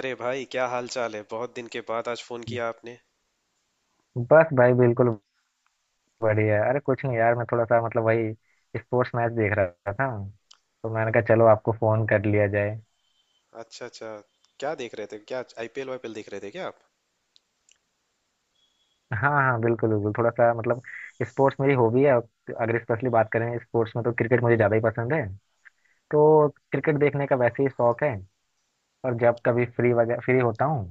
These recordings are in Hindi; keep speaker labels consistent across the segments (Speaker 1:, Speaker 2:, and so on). Speaker 1: अरे भाई, क्या हाल चाल है? बहुत दिन के बाद आज फोन किया आपने।
Speaker 2: बस भाई बिल्कुल बढ़िया। अरे कुछ नहीं यार, मैं थोड़ा सा मतलब वही स्पोर्ट्स मैच देख रहा था, तो मैंने
Speaker 1: अ-
Speaker 2: कहा चलो आपको फोन कर लिया जाए।
Speaker 1: अच्छा अच्छा। क्या देख रहे थे? क्या आईपीएल वाईपीएल देख रहे थे क्या आप?
Speaker 2: हाँ हाँ बिल्कुल बिल्कुल, थोड़ा सा मतलब स्पोर्ट्स मेरी हॉबी है। और अगर स्पेशली बात करें स्पोर्ट्स में, तो क्रिकेट मुझे ज़्यादा ही पसंद है। तो क्रिकेट देखने का वैसे ही शौक है। और जब कभी फ्री वगैरह फ्री होता हूँ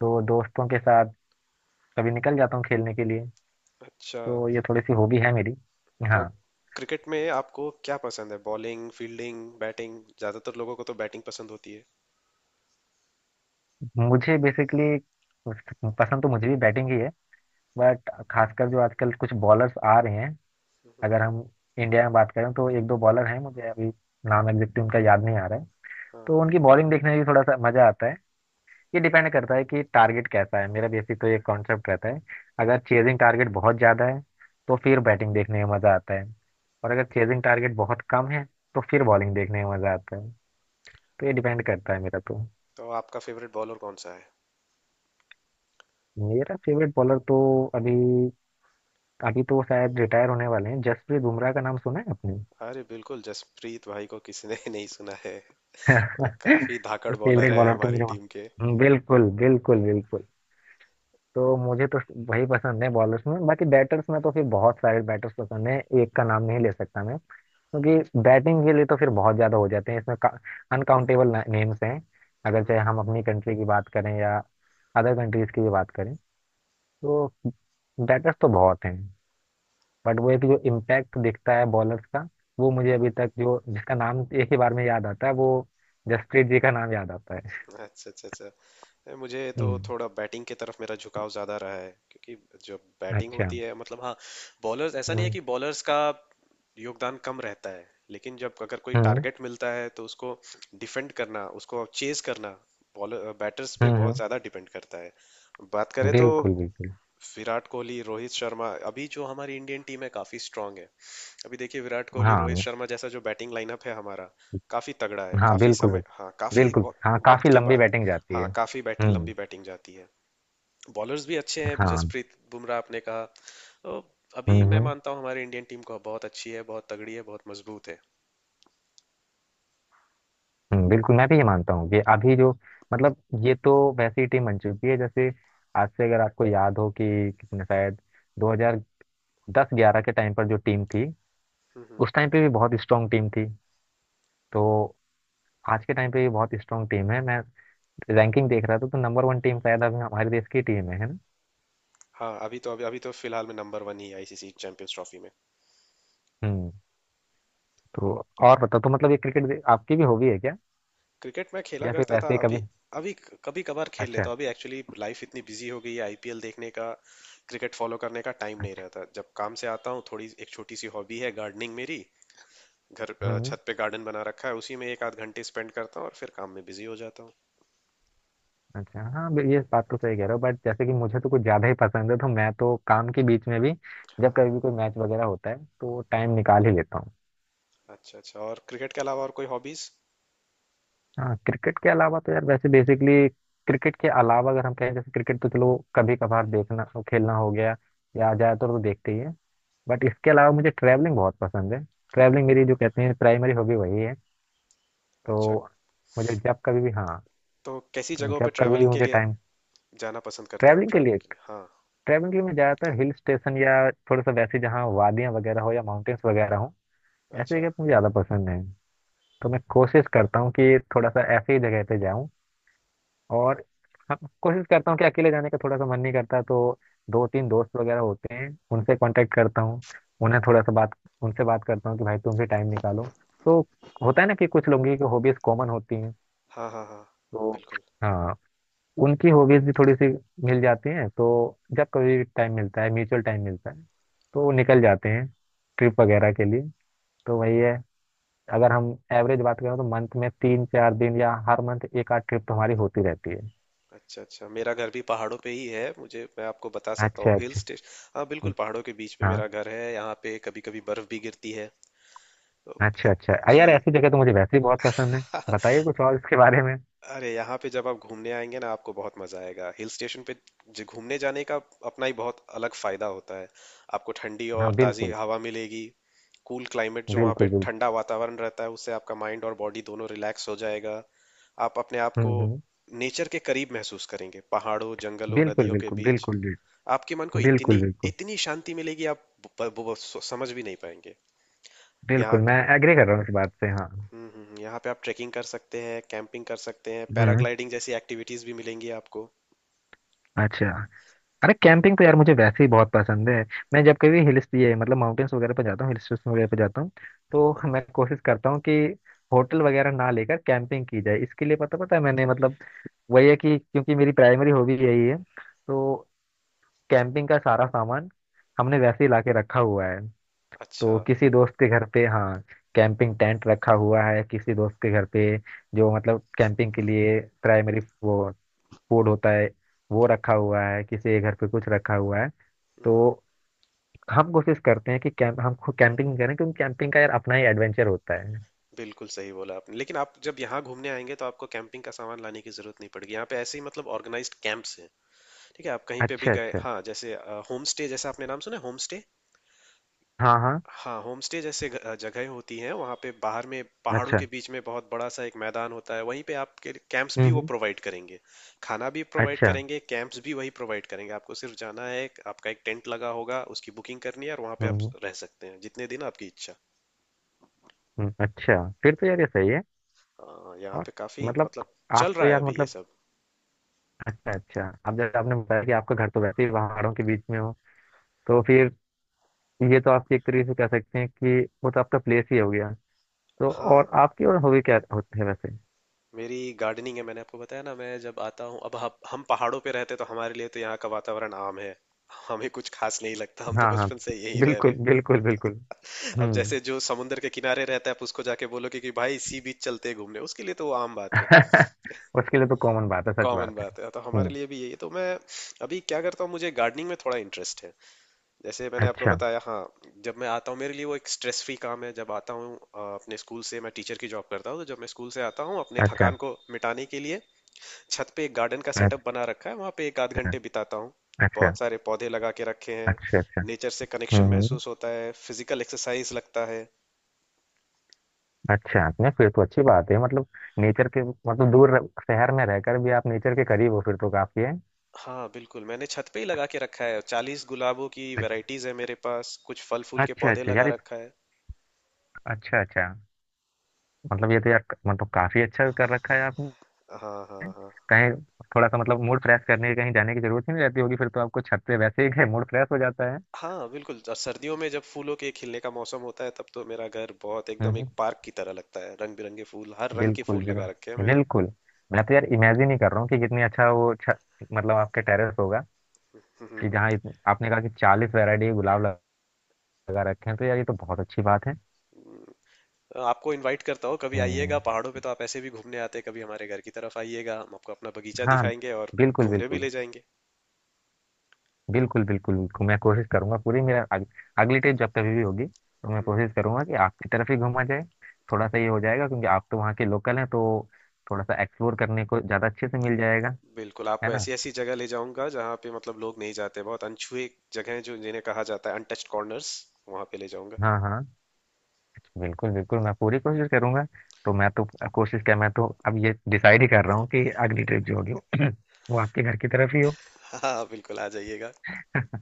Speaker 2: तो दोस्तों के साथ कभी निकल जाता हूँ खेलने के लिए।
Speaker 1: अच्छा,
Speaker 2: तो ये थोड़ी सी हॉबी है मेरी।
Speaker 1: तो
Speaker 2: हाँ,
Speaker 1: क्रिकेट में आपको क्या पसंद है? Bowling, fielding, batting? ज्यादातर लोगों को तो बैटिंग पसंद होती है।
Speaker 2: मुझे बेसिकली पसंद तो मुझे भी बैटिंग ही है, बट खासकर जो आजकल कुछ बॉलर्स आ रहे हैं।
Speaker 1: हम्म।
Speaker 2: अगर हम इंडिया में बात करें तो एक दो बॉलर हैं, मुझे अभी नाम एग्जैक्टली उनका याद नहीं आ रहा है।
Speaker 1: हाँ,
Speaker 2: तो उनकी बॉलिंग देखने में भी थोड़ा सा मजा आता है। ये डिपेंड करता है कि टारगेट कैसा है, मेरा बेसिक तो ये कॉन्सेप्ट रहता है। अगर चेजिंग टारगेट बहुत ज़्यादा है तो फिर बैटिंग देखने में मज़ा आता है, और अगर चेजिंग टारगेट बहुत कम है तो फिर बॉलिंग देखने में मज़ा आता है। तो ये डिपेंड करता है मेरा तो।
Speaker 1: तो आपका फेवरेट बॉलर कौन सा है?
Speaker 2: मेरा फेवरेट बॉलर तो अभी अभी तो शायद रिटायर होने वाले हैं, जसप्रीत बुमराह का नाम सुना है आपने?
Speaker 1: अरे बिल्कुल! जसप्रीत भाई को किसी ने नहीं सुना है। और काफी धाकड़ बॉलर
Speaker 2: फेवरेट
Speaker 1: है
Speaker 2: बॉलर तो
Speaker 1: हमारी
Speaker 2: मेरे पास-
Speaker 1: टीम के।
Speaker 2: बिल्कुल बिल्कुल बिल्कुल। तो मुझे तो वही पसंद है बॉलर्स में। बाकी बैटर्स में तो फिर बहुत सारे बैटर्स पसंद है, एक का नाम नहीं ले सकता मैं, क्योंकि बैटिंग के लिए तो फिर बहुत ज्यादा हो जाते हैं इसमें। अनकाउंटेबल नेम्स हैं, अगर
Speaker 1: हम्म।
Speaker 2: चाहे हम अपनी कंट्री की बात करें या अदर कंट्रीज की भी बात करें, तो बैटर्स तो बहुत हैं। बट वो एक जो इम्पैक्ट दिखता है बॉलर्स का, वो मुझे
Speaker 1: हाँ।
Speaker 2: अभी तक जो जिसका नाम एक ही बार में याद आता है, वो जसप्रीत जी का नाम याद आता है।
Speaker 1: अच्छा अच्छा अच्छा है, मुझे तो
Speaker 2: हम्म।
Speaker 1: थोड़ा बैटिंग की तरफ मेरा झुकाव ज्यादा रहा है, क्योंकि जो बैटिंग
Speaker 2: अच्छा।
Speaker 1: होती है, मतलब, हाँ। बॉलर्स, ऐसा नहीं है
Speaker 2: हम्म
Speaker 1: कि बॉलर्स का योगदान कम रहता है, लेकिन जब अगर कोई
Speaker 2: हम्म।
Speaker 1: टारगेट मिलता है तो उसको डिफेंड करना, उसको चेज करना, बॉलर बैटर्स पे
Speaker 2: हम्म
Speaker 1: बहुत
Speaker 2: हम्म,
Speaker 1: ज्यादा डिपेंड करता है। बात करें तो
Speaker 2: बिल्कुल बिल्कुल।
Speaker 1: विराट कोहली, रोहित शर्मा, अभी जो हमारी इंडियन टीम है काफी स्ट्रांग है। अभी देखिए, विराट कोहली,
Speaker 2: हाँ
Speaker 1: रोहित
Speaker 2: न-
Speaker 1: शर्मा जैसा जो बैटिंग लाइनअप है हमारा काफी तगड़ा है।
Speaker 2: हाँ
Speaker 1: काफी
Speaker 2: बिल्कुल
Speaker 1: समय, हाँ, काफी
Speaker 2: बिल्कुल। हाँ
Speaker 1: वक्त
Speaker 2: काफी
Speaker 1: के
Speaker 2: लंबी
Speaker 1: बाद,
Speaker 2: बैटिंग जाती
Speaker 1: हाँ,
Speaker 2: है।
Speaker 1: काफी लंबी बैटिंग जाती है। बॉलर्स भी अच्छे हैं,
Speaker 2: हाँ।
Speaker 1: जसप्रीत बुमराह आपने कहा। तो अभी मैं
Speaker 2: हम्म।
Speaker 1: मानता हूँ हमारी इंडियन टीम को, बहुत अच्छी है, बहुत तगड़ी है, बहुत मजबूत है।
Speaker 2: बिल्कुल मैं भी ये मानता हूँ कि अभी जो मतलब ये तो वैसी टीम बन चुकी है जैसे आज से अगर आपको याद हो कि कितने शायद 2010-11 के टाइम पर जो टीम थी,
Speaker 1: हम्म। हम्म।
Speaker 2: उस टाइम पे भी बहुत स्ट्रांग टीम थी। तो आज के टाइम पे भी बहुत स्ट्रांग टीम है। मैं रैंकिंग देख रहा था तो नंबर वन टीम शायद अभी हमारे देश की टीम है ना?
Speaker 1: हाँ, अभी तो फिलहाल में नंबर वन ही है आईसीसी चैंपियंस ट्रॉफी में।
Speaker 2: हम्म, तो और बताओ, तो मतलब ये क्रिकेट आपकी भी हॉबी है क्या
Speaker 1: क्रिकेट मैं खेला
Speaker 2: या फिर
Speaker 1: करता था।
Speaker 2: वैसे ही
Speaker 1: अभी,
Speaker 2: कभी।
Speaker 1: अभी कभी कभार खेल लेता
Speaker 2: अच्छा
Speaker 1: हूँ। अभी एक्चुअली लाइफ इतनी बिजी हो गई है, आईपीएल देखने का, क्रिकेट फॉलो करने का टाइम नहीं
Speaker 2: अच्छा।
Speaker 1: रहता। जब काम से आता हूँ, थोड़ी एक छोटी सी हॉबी है गार्डनिंग मेरी, घर
Speaker 2: हम्म।
Speaker 1: छत पे गार्डन बना रखा है, उसी में एक आध घंटे स्पेंड करता हूँ और फिर काम में बिजी हो जाता हूँ।
Speaker 2: अच्छा हाँ ये बात तो सही कह रहे हो। बट जैसे कि मुझे तो कुछ ज्यादा ही पसंद है तो मैं तो काम के बीच में भी
Speaker 1: हाँ
Speaker 2: जब
Speaker 1: हाँ।
Speaker 2: कभी भी कोई मैच वगैरह होता है तो टाइम निकाल ही लेता हूँ।
Speaker 1: अच्छा अच्छा, और क्रिकेट के अलावा और कोई हॉबीज?
Speaker 2: हाँ क्रिकेट के अलावा तो यार वैसे बेसिकली क्रिकेट के अलावा अगर हम कहें, जैसे क्रिकेट तो चलो कभी कभार देखना खेलना हो गया, या
Speaker 1: हम्म।
Speaker 2: ज्यादातर तो देखते ही है। बट इसके अलावा मुझे ट्रैवलिंग बहुत पसंद है। ट्रैवलिंग मेरी जो कहते हैं प्राइमरी हॉबी वही है।
Speaker 1: अच्छा,
Speaker 2: तो मुझे जब कभी भी हाँ,
Speaker 1: तो कैसी
Speaker 2: तो
Speaker 1: जगहों पे
Speaker 2: जब कभी भी
Speaker 1: ट्रैवलिंग के
Speaker 2: मुझे
Speaker 1: लिए
Speaker 2: टाइम
Speaker 1: जाना पसंद करते हो आप,
Speaker 2: ट्रैवलिंग के लिए,
Speaker 1: ट्रैवलिंग के लिए? हाँ।
Speaker 2: ट्रैवलिंग के लिए मैं ज़्यादातर हिल स्टेशन या थोड़ा सा वैसे जहाँ वादियाँ वगैरह हो या माउंटेन्स वगैरह हो, ऐसे
Speaker 1: अच्छा।
Speaker 2: जगह मुझे ज़्यादा पसंद है। तो मैं कोशिश करता हूँ कि थोड़ा सा ऐसे ही जगह पे जाऊँ। और हम कोशिश करता हूँ कि अकेले जाने का थोड़ा सा मन नहीं करता, तो दो तीन दोस्त वगैरह होते हैं उनसे कांटेक्ट करता हूँ, उन्हें थोड़ा सा बात उनसे बात करता हूँ कि भाई तुम भी टाइम निकालो। तो होता है ना कि कुछ लोगों की हॉबीज कॉमन होती हैं।
Speaker 1: हाँ हाँ हाँ।
Speaker 2: तो
Speaker 1: बिल्कुल।
Speaker 2: हाँ उनकी हॉबीज भी थोड़ी सी मिल जाती हैं, तो जब कभी टाइम मिलता है, म्यूचुअल टाइम मिलता है, तो वो निकल जाते हैं ट्रिप वगैरह के लिए। तो वही है, अगर हम एवरेज बात करें तो मंथ में तीन चार दिन या हर मंथ एक आध ट्रिप तो हमारी होती रहती है।
Speaker 1: अच्छा अच्छा, मेरा घर भी पहाड़ों पे ही है, मुझे, मैं आपको बता सकता हूँ,
Speaker 2: अच्छा
Speaker 1: हिल
Speaker 2: अच्छा।
Speaker 1: स्टेशन। हाँ बिल्कुल,
Speaker 2: हम्म,
Speaker 1: पहाड़ों के बीच में मेरा
Speaker 2: हाँ।
Speaker 1: घर है। यहाँ पे कभी कभी बर्फ भी गिरती है तो।
Speaker 2: अच्छा अच्छा।
Speaker 1: जी।
Speaker 2: यार ऐसी जगह तो मुझे वैसे ही बहुत पसंद है। बताइए कुछ और इसके बारे में।
Speaker 1: अरे, यहाँ पे जब आप घूमने आएंगे ना, आपको बहुत मजा आएगा। हिल स्टेशन पे जो घूमने जाने का अपना ही बहुत अलग फायदा होता है। आपको ठंडी
Speaker 2: हाँ
Speaker 1: और ताजी
Speaker 2: बिल्कुल।
Speaker 1: हवा मिलेगी। कूल क्लाइमेट, जो वहाँ पे
Speaker 2: बिल्कुल बिल्कुल।
Speaker 1: ठंडा वातावरण रहता है उससे आपका माइंड और बॉडी दोनों रिलैक्स हो जाएगा। आप अपने आप को
Speaker 2: हम्म।
Speaker 1: नेचर के करीब महसूस करेंगे, पहाड़ों, जंगलों,
Speaker 2: बिल्कुल
Speaker 1: नदियों के
Speaker 2: बिल्कुल
Speaker 1: बीच।
Speaker 2: बिल्कुल बिल्कुल।
Speaker 1: आपके मन को
Speaker 2: बिल्कुल
Speaker 1: इतनी
Speaker 2: बिल्कुल।
Speaker 1: इतनी शांति मिलेगी, आप समझ भी नहीं पाएंगे। यहाँ
Speaker 2: बिल्कुल
Speaker 1: पे।
Speaker 2: मैं एग्री कर रहा हूँ इस बात से। हाँ।
Speaker 1: हम्म। हम्म। यहाँ पे आप ट्रेकिंग कर सकते हैं, कैंपिंग कर सकते हैं,
Speaker 2: हम्म।
Speaker 1: पैराग्लाइडिंग जैसी एक्टिविटीज भी मिलेंगी आपको।
Speaker 2: अच्छा। अरे कैंपिंग तो यार मुझे वैसे ही बहुत पसंद है। मैं जब कभी हिल ये मतलब माउंटेन्स वगैरह पर जाता हूँ, हिल स्टेशन वगैरह पर जाता हूँ, तो मैं कोशिश करता हूँ कि होटल वगैरह ना लेकर कैंपिंग की जाए। इसके लिए पता पता है मैंने मतलब वही है कि क्योंकि मेरी प्राइमरी हॉबी यही है। तो कैंपिंग का सारा सामान हमने वैसे ही ला के रखा हुआ है।
Speaker 1: अच्छा।
Speaker 2: तो किसी दोस्त के घर पे हाँ कैंपिंग टेंट रखा हुआ है किसी दोस्त के घर पे, जो मतलब कैंपिंग के लिए प्राइमरी वो फूड होता है वो रखा हुआ है किसी के घर पे, कुछ रखा हुआ है।
Speaker 1: हम्म। हम्म।
Speaker 2: तो हम कोशिश करते हैं कि कैंप हम खुद कैंपिंग करें, क्योंकि कैंपिंग का यार अपना ही एडवेंचर होता है।
Speaker 1: बिल्कुल सही बोला आपने, लेकिन आप जब यहाँ घूमने आएंगे तो आपको कैंपिंग का सामान लाने की जरूरत नहीं पड़ेगी। यहाँ पे ऐसे ही, मतलब, ऑर्गेनाइज्ड कैंप्स हैं। ठीक है। आप कहीं पे भी
Speaker 2: अच्छा
Speaker 1: गए,
Speaker 2: अच्छा।
Speaker 1: हाँ, जैसे होम स्टे, जैसा आपने नाम सुना है, होम स्टे?
Speaker 2: हाँ हाँ।
Speaker 1: हाँ, होम स्टे जैसे जगहें होती हैं, वहाँ पे बाहर में पहाड़ों के
Speaker 2: अच्छा।
Speaker 1: बीच में बहुत बड़ा सा एक मैदान होता है, वहीं पे आपके कैंप्स
Speaker 2: हम्म
Speaker 1: भी वो
Speaker 2: हम्म,
Speaker 1: प्रोवाइड करेंगे। खाना भी प्रोवाइड
Speaker 2: अच्छा।
Speaker 1: करेंगे, कैंप्स भी वही प्रोवाइड करेंगे, आपको सिर्फ जाना है। आपका एक टेंट लगा होगा, उसकी बुकिंग करनी है और वहाँ पे आप
Speaker 2: हम्म
Speaker 1: रह सकते हैं जितने दिन आपकी इच्छा।
Speaker 2: अच्छा फिर तो यार ये सही है।
Speaker 1: हाँ, यहाँ
Speaker 2: और
Speaker 1: पे काफी,
Speaker 2: मतलब
Speaker 1: मतलब, चल
Speaker 2: आप तो
Speaker 1: रहा है
Speaker 2: यार
Speaker 1: अभी ये
Speaker 2: मतलब
Speaker 1: सब।
Speaker 2: अच्छा अच्छा, अब जैसे आपने बताया कि आपका घर तो वैसे ही पहाड़ों के बीच में हो, तो फिर ये तो आप एक तरीके से कह सकते हैं कि वो तो आपका प्लेस ही हो गया। तो
Speaker 1: हाँ
Speaker 2: और
Speaker 1: हाँ,
Speaker 2: आपकी और हॉबी क्या होती है वैसे?
Speaker 1: मेरी गार्डनिंग है, मैंने आपको बताया ना। मैं जब आता हूँ अब, हम पहाड़ों पे रहते तो हमारे लिए तो यहाँ का वातावरण आम है। हमें कुछ खास नहीं लगता, हम तो
Speaker 2: हाँ हाँ।
Speaker 1: बचपन से यही रह रहे
Speaker 2: बिल्कुल
Speaker 1: हैं।
Speaker 2: बिल्कुल बिल्कुल।
Speaker 1: अब
Speaker 2: हम्म।
Speaker 1: जैसे जो समुंदर के किनारे रहता है, आप उसको जाके बोलोगे कि भाई सी बीच चलते हैं घूमने, उसके लिए तो वो आम बात है,
Speaker 2: उसके लिए तो कॉमन बात है, सच
Speaker 1: कॉमन
Speaker 2: बात है।
Speaker 1: बात है। तो हमारे
Speaker 2: हम्म।
Speaker 1: लिए भी यही है। तो मैं अभी क्या करता हूँ, मुझे गार्डनिंग में थोड़ा इंटरेस्ट है, जैसे मैंने आपको
Speaker 2: अच्छा
Speaker 1: बताया हाँ। जब मैं आता हूँ, मेरे लिए वो एक स्ट्रेस फ्री काम है। जब आता हूँ अपने स्कूल से, मैं टीचर की जॉब करता हूँ, तो जब मैं स्कूल से आता हूँ, अपने
Speaker 2: अच्छा
Speaker 1: थकान को मिटाने के लिए छत पे एक गार्डन का
Speaker 2: अच्छा।
Speaker 1: सेटअप बना रखा है, वहाँ पे एक आध घंटे बिताता हूँ।
Speaker 2: अच्छा
Speaker 1: बहुत सारे पौधे लगा के रखे हैं।
Speaker 2: अच्छा अच्छा।
Speaker 1: नेचर से कनेक्शन
Speaker 2: हम्म हम्म,
Speaker 1: महसूस होता है, फिजिकल एक्सरसाइज लगता है।
Speaker 2: अच्छा आपने फिर तो अच्छी बात है। मतलब नेचर के मतलब शहर में रहकर भी आप नेचर के करीब हो फिर तो काफी है।
Speaker 1: हाँ बिल्कुल, मैंने छत पे ही लगा के रखा है, 40 गुलाबों की वैरायटीज है मेरे पास, कुछ फल फूल
Speaker 2: अच्छा
Speaker 1: के
Speaker 2: अच्छा।
Speaker 1: पौधे
Speaker 2: अच्छा
Speaker 1: लगा
Speaker 2: यार ये-
Speaker 1: रखा है।
Speaker 2: अच्छा अच्छा। मतलब ये तो यार मतलब काफी अच्छा कर रखा है आपने।
Speaker 1: हाँ हाँ हाँ
Speaker 2: कहीं थोड़ा सा मतलब मूड फ्रेश करने के कहीं जाने की जरूरत ही नहीं रहती होगी फिर तो आपको। छत पे वैसे ही मूड फ्रेश हो जाता है।
Speaker 1: हाँ बिल्कुल, और सर्दियों में जब फूलों के खिलने का मौसम होता है, तब तो मेरा घर बहुत एकदम एक
Speaker 2: हम्म,
Speaker 1: पार्क की तरह लगता है। रंग बिरंगे फूल, हर रंग के
Speaker 2: बिल्कुल
Speaker 1: फूल लगा रखे हैं
Speaker 2: बिल्कुल
Speaker 1: मैंने।
Speaker 2: बिल्कुल। मैं तो यार इमेजिन ही कर रहा हूँ कि कितनी अच्छा वो मतलब आपके टेरेस होगा,
Speaker 1: हम्म। हम्म।
Speaker 2: कि
Speaker 1: हम्म।
Speaker 2: जहाँ आपने कहा कि 40 वैरायटी के गुलाब लगा रखे हैं, तो यार ये तो बहुत अच्छी बात है।
Speaker 1: हम्म। हाँ, आपको इनवाइट करता हूँ, कभी आइएगा
Speaker 2: हम्म।
Speaker 1: पहाड़ों पे, तो आप ऐसे भी घूमने आते हैं, कभी हमारे घर की तरफ आइएगा, हम आपको अपना बगीचा
Speaker 2: हाँ
Speaker 1: दिखाएंगे और
Speaker 2: बिल्कुल
Speaker 1: घूमने भी
Speaker 2: बिल्कुल।
Speaker 1: ले जाएंगे।
Speaker 2: बिल्कुल बिल्कुल बिल्कुल। मैं कोशिश करूंगा पूरी मेरा अगली ट्रिप जब कभी भी होगी तो मैं
Speaker 1: हम्म।
Speaker 2: कोशिश करूंगा कि आपकी तरफ ही घूमा जाए। थोड़ा सा ये हो जाएगा क्योंकि आप तो वहाँ के लोकल हैं, तो थोड़ा सा एक्सप्लोर करने को ज़्यादा अच्छे से मिल जाएगा,
Speaker 1: बिल्कुल, आपको
Speaker 2: है ना?
Speaker 1: ऐसी ऐसी जगह ले जाऊंगा जहाँ पे, मतलब, लोग नहीं जाते, बहुत अनछुए जगह हैं, जो जिन्हें कहा जाता है अनटच्ड कॉर्नर्स, वहां पे ले जाऊंगा।
Speaker 2: हाँ हाँ। बिल्कुल बिल्कुल, मैं पूरी कोशिश करूंगा। तो मैं तो कोशिश क्या, मैं तो अब ये डिसाइड ही कर रहा हूँ कि अगली ट्रिप जो होगी वो आपके घर की तरफ ही हो।
Speaker 1: हाँ बिल्कुल, आ जाइएगा।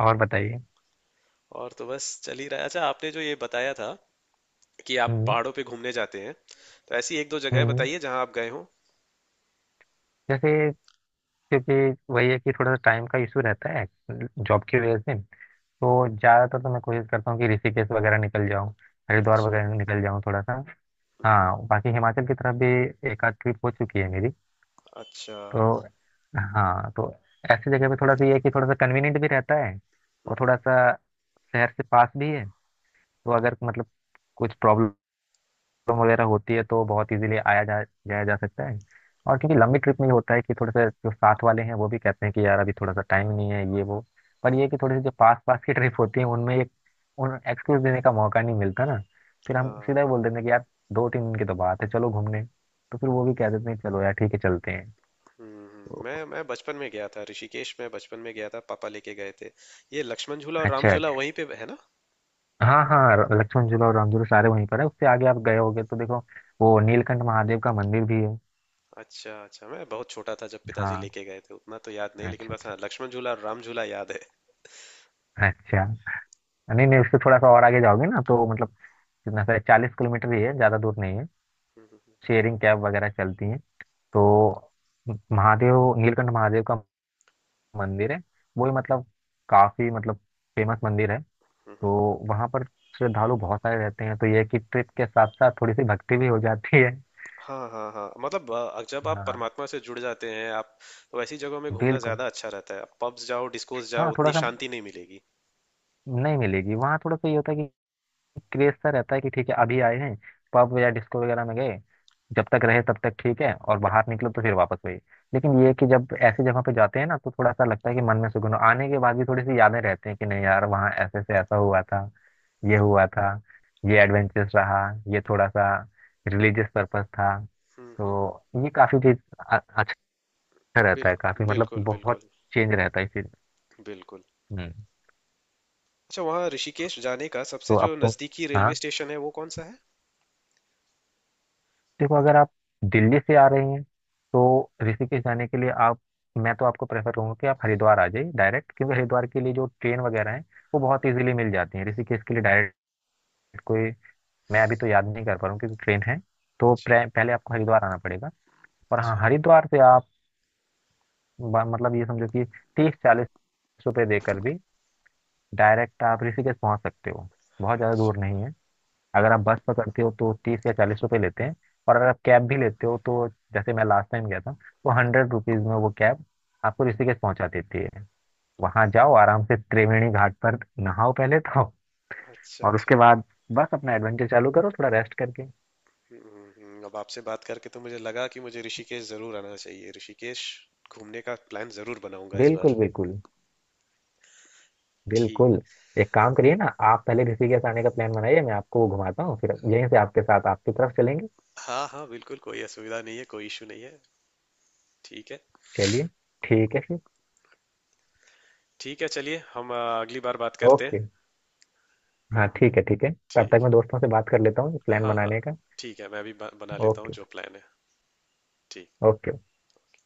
Speaker 2: और बताइए।
Speaker 1: और तो बस चल ही रहा है। अच्छा, आपने जो ये बताया था कि आप
Speaker 2: हम्म
Speaker 1: पहाड़ों पे घूमने जाते हैं, तो ऐसी एक दो जगह
Speaker 2: हम्म।
Speaker 1: बताइए जहाँ आप गए हो।
Speaker 2: जैसे क्योंकि वही है कि थोड़ा सा टाइम का इशू रहता है जॉब की वजह से, तो ज़्यादातर तो मैं कोशिश करता हूँ कि ऋषिकेश वगैरह निकल जाऊँ, हरिद्वार
Speaker 1: अच्छा।
Speaker 2: वगैरह निकल जाऊँ थोड़ा सा।
Speaker 1: हम्म।
Speaker 2: हाँ बाकी हिमाचल की तरफ भी एक आध ट्रिप हो चुकी है मेरी।
Speaker 1: अच्छा।
Speaker 2: तो हाँ तो ऐसी जगह पे थोड़ा सा ये है कि थोड़ा सा कन्वीनियंट भी रहता है,
Speaker 1: हम्म।
Speaker 2: और थोड़ा
Speaker 1: हम्म।
Speaker 2: सा शहर से पास भी है। तो अगर मतलब कुछ प्रॉब्लम वगैरह होती है तो बहुत इजीली आया जा जाया जा सकता है। और क्योंकि लंबी ट्रिप में ये होता है कि थोड़े से जो साथ वाले हैं वो भी कहते हैं कि यार अभी थोड़ा सा टाइम नहीं है ये वो। पर ये है कि थोड़ी सी जो पास पास की ट्रिप होती है उनमें एक उन एक्सक्यूज देने का मौका नहीं मिलता ना। फिर हम
Speaker 1: हाँ
Speaker 2: सीधा ही बोल देते
Speaker 1: हाँ।
Speaker 2: हैं कि यार दो तीन दिन की तो बात है, चलो घूमने। तो फिर वो भी कह देते हैं चलो यार ठीक है चलते हैं।
Speaker 1: हम्म। हम्म।
Speaker 2: तो
Speaker 1: मैं बचपन में गया था ऋषिकेश में, बचपन में गया था, पापा लेके गए थे। ये लक्ष्मण झूला
Speaker 2: अच्छा
Speaker 1: और राम झूला
Speaker 2: अच्छा।
Speaker 1: वहीं पे है ना?
Speaker 2: हाँ हाँ लक्ष्मण झूला और राम झूला सारे वहीं पर है। उससे आगे आप गए होगे तो देखो, वो नीलकंठ महादेव का मंदिर भी है।
Speaker 1: अच्छा अच्छा। मैं बहुत छोटा था जब पिताजी
Speaker 2: हाँ
Speaker 1: लेके गए थे, उतना तो याद नहीं, लेकिन
Speaker 2: अच्छा
Speaker 1: बस
Speaker 2: अच्छा
Speaker 1: हाँ, लक्ष्मण झूला और राम झूला याद है।
Speaker 2: अच्छा। नहीं नहीं, उससे थोड़ा सा और आगे जाओगे ना तो मतलब कितना सा 40 किलोमीटर ही है, ज़्यादा दूर नहीं है।
Speaker 1: हम्म। हम्म।
Speaker 2: शेयरिंग कैब वगैरह चलती हैं, तो महादेव नीलकंठ महादेव का मंदिर है, वो ही मतलब काफ़ी मतलब फेमस मंदिर है।
Speaker 1: हम्म।
Speaker 2: तो
Speaker 1: हम्म।
Speaker 2: वहाँ पर श्रद्धालु बहुत सारे रहते हैं, तो ये है कि ट्रिप के साथ साथ थोड़ी सी भक्ति भी हो जाती है।
Speaker 1: हाँ हाँ हाँ, मतलब जब आप
Speaker 2: हाँ
Speaker 1: परमात्मा से जुड़ जाते हैं आप, तो ऐसी जगहों में घूमना
Speaker 2: बिल्कुल।
Speaker 1: ज्यादा अच्छा रहता है। पब्स जाओ, डिस्कोस जाओ,
Speaker 2: हाँ थोड़ा
Speaker 1: उतनी
Speaker 2: सा
Speaker 1: शांति नहीं मिलेगी।
Speaker 2: नहीं मिलेगी वहाँ। थोड़ा सा ये होता है क्रेज सा रहता है कि ठीक है अभी आए हैं, पब या डिस्को वगैरह में गए, जब तक रहे तब तक ठीक है, और बाहर निकलो तो फिर वापस वही। लेकिन ये है कि जब ऐसी जगह पे जाते हैं ना, तो थोड़ा सा लगता है कि मन में सुकून हो। आने के बाद भी थोड़ी सी यादें रहती हैं कि नहीं यार वहाँ ऐसे से ऐसा हुआ था, ये हुआ था, ये एडवेंचरस रहा, ये थोड़ा सा रिलीजियस पर्पस था।
Speaker 1: हम्म। हम्म। हम्म।
Speaker 2: तो ये काफी चीज अच्छा रहता है,
Speaker 1: बिल्कुल
Speaker 2: काफी मतलब
Speaker 1: बिल्कुल
Speaker 2: बहुत
Speaker 1: बिल्कुल
Speaker 2: चेंज रहता है इस चीज।
Speaker 1: बिल्कुल।
Speaker 2: हम्म।
Speaker 1: अच्छा, वहाँ ऋषिकेश जाने का सबसे
Speaker 2: तो अब
Speaker 1: जो
Speaker 2: तो
Speaker 1: नजदीकी रेलवे
Speaker 2: हाँ
Speaker 1: स्टेशन है वो कौन सा है?
Speaker 2: देखो अगर आप दिल्ली से आ रहे हैं तो ऋषिकेश जाने के लिए आप मैं तो आपको प्रेफर करूंगा कि आप हरिद्वार आ जाइए डायरेक्ट, क्योंकि हरिद्वार के लिए जो ट्रेन वगैरह है वो
Speaker 1: हाँ।
Speaker 2: बहुत
Speaker 1: हाँ।
Speaker 2: इजीली मिल जाती है। ऋषिकेश के लिए डायरेक्ट कोई मैं अभी तो याद नहीं कर पा रहा हूँ क्योंकि ट्रेन है, तो
Speaker 1: अच्छा
Speaker 2: पहले आपको हरिद्वार आना पड़ेगा, और हाँ
Speaker 1: अच्छा
Speaker 2: हरिद्वार से आप मतलब ये समझो कि 30-40 रुपये देकर भी डायरेक्ट आप ऋषिकेश पहुँच सकते हो, बहुत ज़्यादा दूर
Speaker 1: अच्छा
Speaker 2: नहीं है। अगर आप बस पकड़ते हो तो 30 या 40 रुपए लेते हैं, और अगर आप कैब भी लेते हो तो जैसे मैं लास्ट टाइम गया था तो 100 रुपीज में वो कैब आपको ऋषिकेश पहुंचा देती है। वहां जाओ आराम से त्रिवेणी घाट पर नहाओ पहले तो,
Speaker 1: अच्छा
Speaker 2: और
Speaker 1: अच्छा।
Speaker 2: उसके बाद बस अपना एडवेंचर चालू करो थोड़ा रेस्ट करके।
Speaker 1: हम्म। हम्म। अब आपसे बात करके तो मुझे लगा कि मुझे ऋषिकेश जरूर आना चाहिए, ऋषिकेश घूमने का प्लान जरूर बनाऊंगा इस
Speaker 2: बिल्कुल
Speaker 1: बार।
Speaker 2: बिल्कुल
Speaker 1: ठीक।
Speaker 2: बिल्कुल। एक काम करिए ना, आप पहले ऋषिकेश आने का प्लान बनाइए, मैं आपको घुमाता हूँ, फिर यहीं से आपके साथ आपकी तरफ चलेंगे।
Speaker 1: हाँ हाँ बिल्कुल, कोई असुविधा नहीं है, कोई इशू नहीं है। ठीक है।
Speaker 2: चलिए ठीक है फिर।
Speaker 1: ठीक है, चलिए हम अगली बार बात करते हैं।
Speaker 2: ओके। हाँ ठीक है ठीक है। तब तक
Speaker 1: ठीक
Speaker 2: मैं
Speaker 1: है।
Speaker 2: दोस्तों से बात कर लेता हूँ प्लान
Speaker 1: हाँ हाँ।
Speaker 2: बनाने का।
Speaker 1: ठीक है, मैं भी बना लेता हूँ
Speaker 2: ओके।
Speaker 1: जो प्लान है। ठीक।
Speaker 2: ओके।